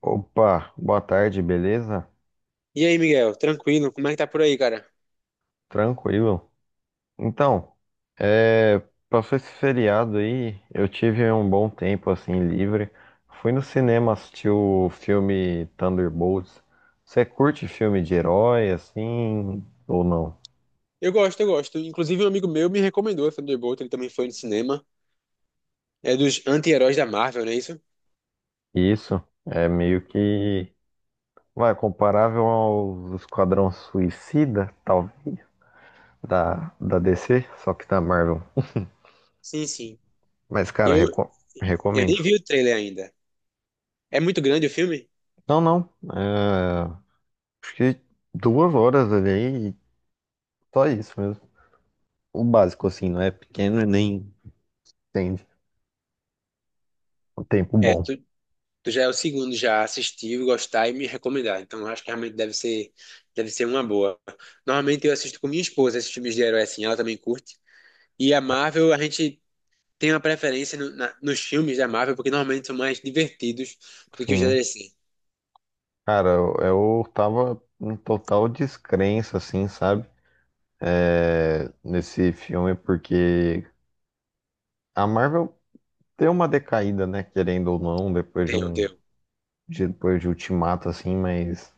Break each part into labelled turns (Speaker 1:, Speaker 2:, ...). Speaker 1: Opa, boa tarde, beleza?
Speaker 2: E aí, Miguel, tranquilo? Como é que tá por aí, cara?
Speaker 1: Tranquilo. Então, é, passou esse feriado aí, eu tive um bom tempo assim livre. Fui no cinema assistir o filme Thunderbolts. Você curte filme de herói assim ou não?
Speaker 2: Eu gosto. Inclusive, um amigo meu me recomendou essa Thunderbolt, ele também foi no cinema. É dos anti-heróis da Marvel, não é isso?
Speaker 1: Isso é meio que vai comparável ao Esquadrão Suicida, tal da DC, só que da Marvel.
Speaker 2: Sim, sim.
Speaker 1: Mas cara,
Speaker 2: Eu, eu
Speaker 1: recomendo.
Speaker 2: nem vi o trailer ainda. É muito grande o filme?
Speaker 1: Não, não. é, Fiquei 2 horas ali e só isso mesmo. O básico, assim, não é pequeno e nem entende. O tempo
Speaker 2: É,
Speaker 1: bom.
Speaker 2: tu já é o segundo já a assistir, gostar e me recomendar. Então, eu acho que realmente deve ser uma boa. Normalmente, eu assisto com minha esposa esses filmes de herói assim, ela também curte. E a Marvel, a gente tem uma preferência nos filmes da Marvel, porque normalmente são mais divertidos do que os da
Speaker 1: Sim.
Speaker 2: DC.
Speaker 1: Cara, eu tava em total descrença, assim, sabe? É, nesse filme, porque a Marvel deu uma decaída, né? Querendo ou não, depois de
Speaker 2: Deu,
Speaker 1: um.
Speaker 2: deu.
Speaker 1: Depois de Ultimato, assim, mas.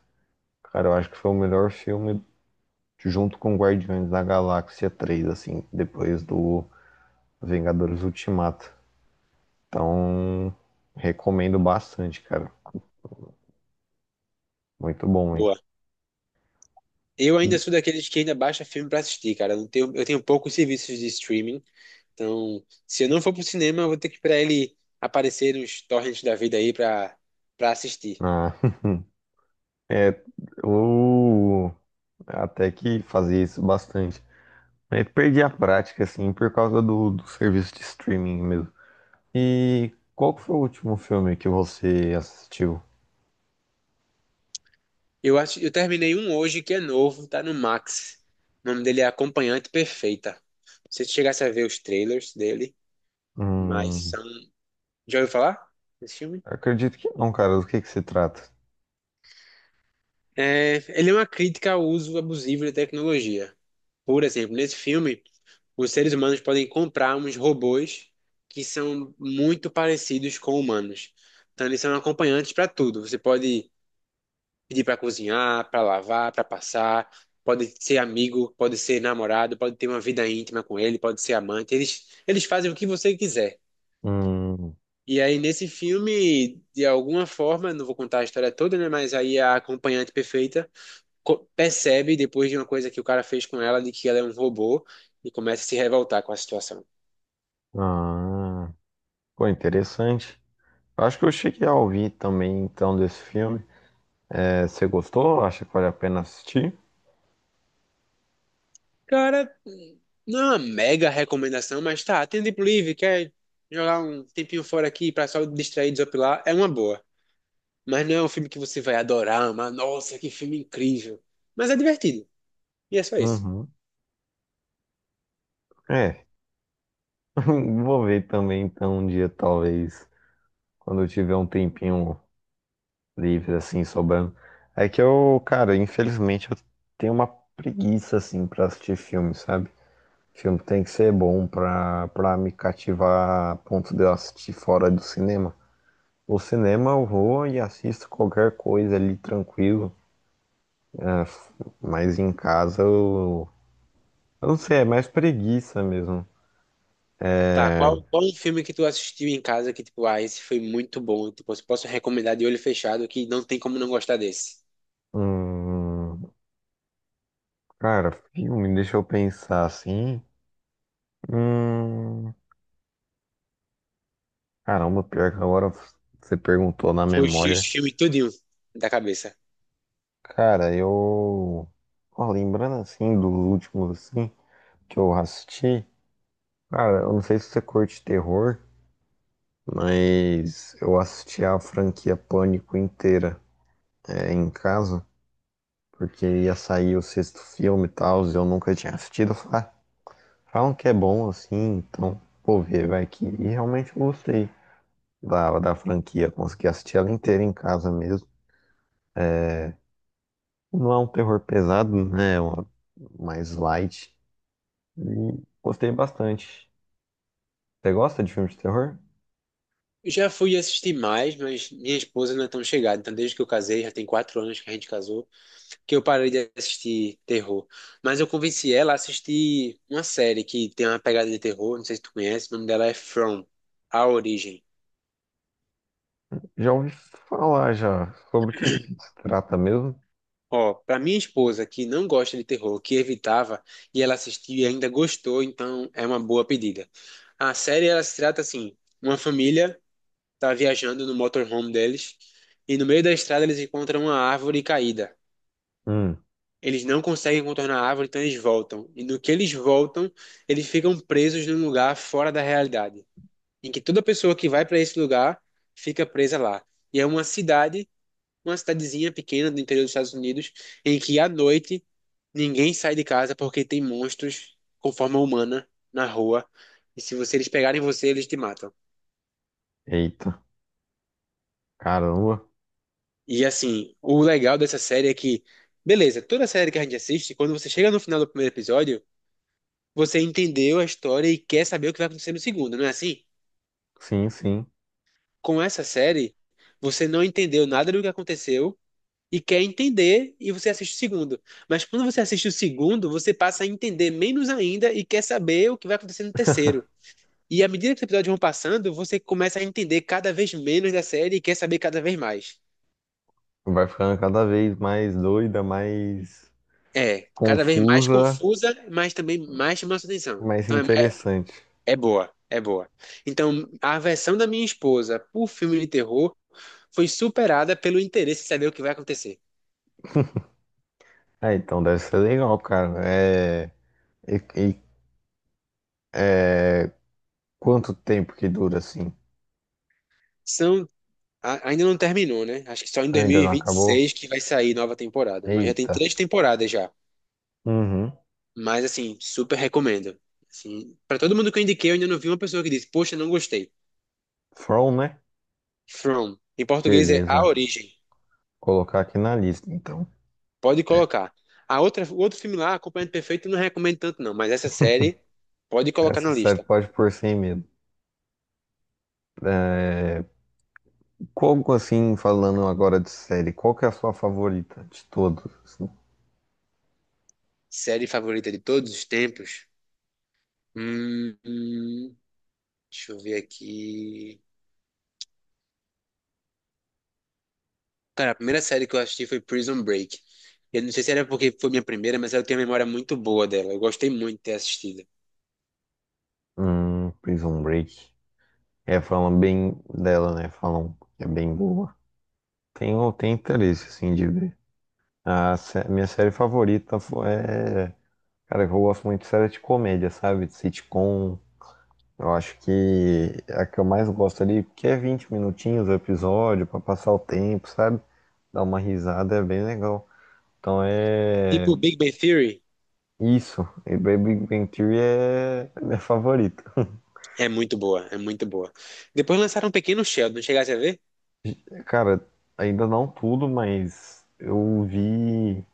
Speaker 1: Cara, eu acho que foi o melhor filme junto com Guardiões da Galáxia 3 assim, depois do Vingadores Ultimato. Então, recomendo bastante, cara. Muito bom, hein?
Speaker 2: Boa. Eu
Speaker 1: E,
Speaker 2: ainda sou daqueles que ainda baixa filme pra assistir, cara. Eu não tenho, eu tenho poucos serviços de streaming, então se eu não for pro cinema, eu vou ter que esperar ele aparecer nos torrents da vida aí pra assistir.
Speaker 1: ah, é, eu até que fazia isso bastante. Aí perdi a prática, assim, por causa do serviço de streaming mesmo. E qual que foi o último filme que você assistiu?
Speaker 2: Eu acho, eu terminei um hoje que é novo, tá no Max. O nome dele é Acompanhante Perfeita. Não sei se chegasse a ver os trailers dele, mas
Speaker 1: Hum,
Speaker 2: são. Já ouviu falar desse filme?
Speaker 1: acredito que não, cara. Do que se trata?
Speaker 2: É, ele é uma crítica ao uso abusivo da tecnologia. Por exemplo, nesse filme, os seres humanos podem comprar uns robôs que são muito parecidos com humanos. Então, eles são acompanhantes para tudo. Você pode pedir para cozinhar, para lavar, para passar, pode ser amigo, pode ser namorado, pode ter uma vida íntima com ele, pode ser amante. Eles fazem o que você quiser.
Speaker 1: Hum,
Speaker 2: E aí, nesse filme, de alguma forma, não vou contar a história toda, né? Mas aí a acompanhante perfeita percebe depois de uma coisa que o cara fez com ela, de que ela é um robô, e começa a se revoltar com a situação.
Speaker 1: ah, pô, interessante. Eu acho que eu cheguei a ouvir também, então, desse filme. É, você gostou? Acha que vale a pena assistir?
Speaker 2: Cara, não é uma mega recomendação, mas tá, tem tempo livre, quer jogar um tempinho fora aqui pra só distrair, desopilar, é uma boa. Mas não é um filme que você vai adorar, mas nossa, que filme incrível. Mas é divertido. E é só isso.
Speaker 1: Uhum. É, vou ver também então um dia, talvez, quando eu tiver um tempinho livre, assim, sobrando. É que eu, cara, infelizmente eu tenho uma preguiça, assim, pra assistir filme, sabe? Filme tem que ser bom pra me cativar a ponto de eu assistir fora do cinema. No cinema eu vou e assisto qualquer coisa ali tranquilo, né? Mas em casa eu não sei, é mais preguiça mesmo.
Speaker 2: Tá, qual um filme que tu assistiu em casa que, tipo, ah, esse foi muito bom, tipo, eu posso recomendar de olho fechado que não tem como não gostar desse.
Speaker 1: Hum, cara, filme, deixa eu pensar assim. Hum, caramba, pior que agora você perguntou na
Speaker 2: Fugiu
Speaker 1: memória.
Speaker 2: esse filme tudinho da cabeça.
Speaker 1: Cara, eu. Ó, lembrando assim dos últimos assim que eu assisti. Cara, eu não sei se você curte terror, mas eu assisti a franquia Pânico inteira em casa, porque ia sair o sexto filme e tal, e eu nunca tinha assistido. Eu falei, "Ah, falam que é bom assim, então vou ver, vai que. E realmente eu gostei da franquia, consegui assistir ela inteira em casa mesmo. Não é um terror pesado, né? Mais light. E gostei bastante. Você gosta de filme de terror?
Speaker 2: Já fui assistir mais, mas minha esposa não é tão chegada. Então, desde que eu casei, já tem quatro anos que a gente casou, que eu parei de assistir terror. Mas eu convenci ela a assistir uma série que tem uma pegada de terror, não sei se tu conhece, o nome dela é From, A Origem.
Speaker 1: Já ouvi falar já sobre o que que se trata mesmo?
Speaker 2: Ó, pra minha esposa que não gosta de terror, que evitava, e ela assistiu e ainda gostou, então é uma boa pedida. A série, ela se trata assim, uma família tá viajando no motorhome deles, e no meio da estrada eles encontram uma árvore caída.
Speaker 1: Hum,
Speaker 2: Eles não conseguem contornar a árvore, então eles voltam. E no que eles voltam, eles ficam presos num lugar fora da realidade, em que toda pessoa que vai para esse lugar fica presa lá. E é uma cidade, uma cidadezinha pequena do interior dos Estados Unidos, em que à noite ninguém sai de casa porque tem monstros com forma humana na rua. E se você, eles pegarem você, eles te matam.
Speaker 1: eita, caramba.
Speaker 2: E assim, o legal dessa série é que, beleza, toda série que a gente assiste, quando você chega no final do primeiro episódio, você entendeu a história e quer saber o que vai acontecer no segundo, não é assim?
Speaker 1: Sim, sim.
Speaker 2: Com essa série, você não entendeu nada do que aconteceu e quer entender e você assiste o segundo. Mas quando você assiste o segundo, você passa a entender menos ainda e quer saber o que vai acontecer no terceiro. E à medida que os episódios vão passando, você começa a entender cada vez menos da série e quer saber cada vez mais.
Speaker 1: Vai ficando cada vez mais doida, mais
Speaker 2: É, cada vez mais
Speaker 1: confusa,
Speaker 2: confusa, mas também mais chama sua atenção.
Speaker 1: mais interessante.
Speaker 2: É boa, é boa. Então, a versão da minha esposa por filme de terror foi superada pelo interesse em saber o que vai acontecer.
Speaker 1: Ah, então deve ser legal, cara. E, e- é... Quanto tempo que dura assim?
Speaker 2: São, ainda não terminou, né? Acho que só em
Speaker 1: Ainda não acabou?
Speaker 2: 2026 que vai sair nova temporada, mas já tem
Speaker 1: Eita.
Speaker 2: três temporadas já.
Speaker 1: Uhum.
Speaker 2: Mas assim, super recomendo. Assim, para todo mundo que eu indiquei, eu ainda não vi uma pessoa que disse: "Poxa, não gostei".
Speaker 1: From, né?
Speaker 2: From, em português é A
Speaker 1: Beleza.
Speaker 2: Origem.
Speaker 1: Colocar aqui na lista, então.
Speaker 2: Pode
Speaker 1: É.
Speaker 2: colocar. A outra, o outro filme lá, Acompanhamento Perfeito, eu não recomendo tanto não, mas essa série pode colocar
Speaker 1: Essa
Speaker 2: na
Speaker 1: série
Speaker 2: lista.
Speaker 1: pode pôr sem medo. Qual, assim, falando agora de série, qual que é a sua favorita de todos assim?
Speaker 2: Série favorita de todos os tempos. Hum, hum, deixa eu ver aqui. Cara, a primeira série que eu assisti foi Prison Break. Eu não sei se era porque foi minha primeira, mas eu tenho uma memória muito boa dela. Eu gostei muito de ter assistido.
Speaker 1: Prison Break. É, falam bem dela, né? Falam que é bem boa. Tenho interesse, assim, de ver. Minha série favorita cara, eu gosto muito de série de comédia, sabe? De sitcom, eu acho que a que eu mais gosto ali, porque é 20 minutinhos o episódio, pra passar o tempo, sabe? Dar uma risada é bem legal. Então é
Speaker 2: Tipo, Big Bang Theory
Speaker 1: isso. E Baby Bang Theory é a minha favorita.
Speaker 2: é muito boa, é muito boa. Depois lançaram Pequeno Sheldon, chegasse a ver?
Speaker 1: Cara, ainda não tudo, mas eu vi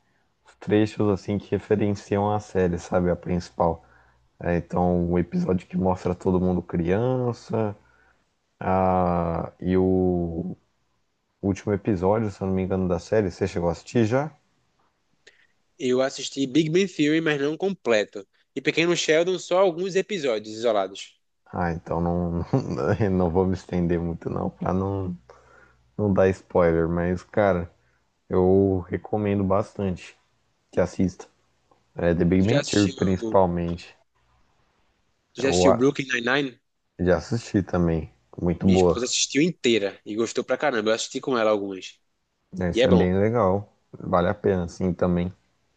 Speaker 1: os trechos assim que referenciam a série, sabe? A principal. É, então, o episódio que mostra todo mundo criança, e o último episódio, se eu não me engano, da série, você chegou a assistir já?
Speaker 2: Eu assisti Big Bang Theory, mas não completo. E Pequeno Sheldon, só alguns episódios isolados.
Speaker 1: Ah, então não, não, não vou me estender muito não, pra não dar spoiler, mas cara, eu recomendo bastante que assista. É The Big
Speaker 2: Tu já
Speaker 1: Bang Theory
Speaker 2: assistiu,
Speaker 1: principalmente.
Speaker 2: tu já
Speaker 1: Eu
Speaker 2: assistiu
Speaker 1: a-
Speaker 2: Brooklyn Nine-Nine?
Speaker 1: já assisti também, muito
Speaker 2: Minha esposa
Speaker 1: boa.
Speaker 2: assistiu inteira e gostou pra caramba. Eu assisti com ela algumas. E
Speaker 1: Esse
Speaker 2: é
Speaker 1: é
Speaker 2: bom.
Speaker 1: bem legal, vale a pena assim também.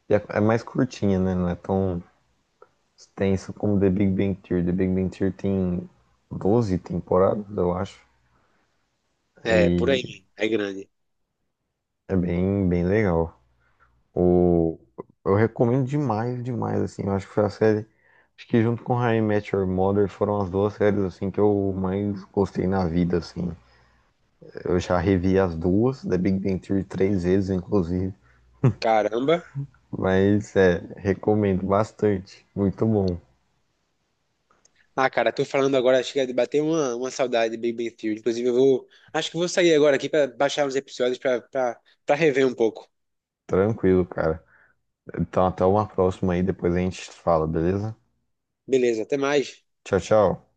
Speaker 1: E é mais curtinha, né? Não é tão extensa como The Big Bang Theory. The Big Bang Theory tem 12 temporadas, eu acho.
Speaker 2: É, por aí,
Speaker 1: E
Speaker 2: mesmo. É grande.
Speaker 1: é bem, bem legal. O... Eu recomendo demais, demais, assim. Eu acho que foi a série. Acho que junto com How I Met Your Mother foram as duas séries, assim, que eu mais gostei na vida, assim. Eu já revi as duas, The Big Bang Theory três vezes, inclusive.
Speaker 2: Caramba.
Speaker 1: Mas, é, recomendo bastante. Muito bom.
Speaker 2: Ah, cara, tô falando agora, chega de bater uma saudade de Big Bang Theory. Inclusive, eu vou. Acho que vou sair agora aqui pra baixar uns episódios pra rever um pouco.
Speaker 1: Tranquilo, cara. Então, até uma próxima aí, depois a gente fala, beleza?
Speaker 2: Beleza, até mais.
Speaker 1: Tchau, tchau.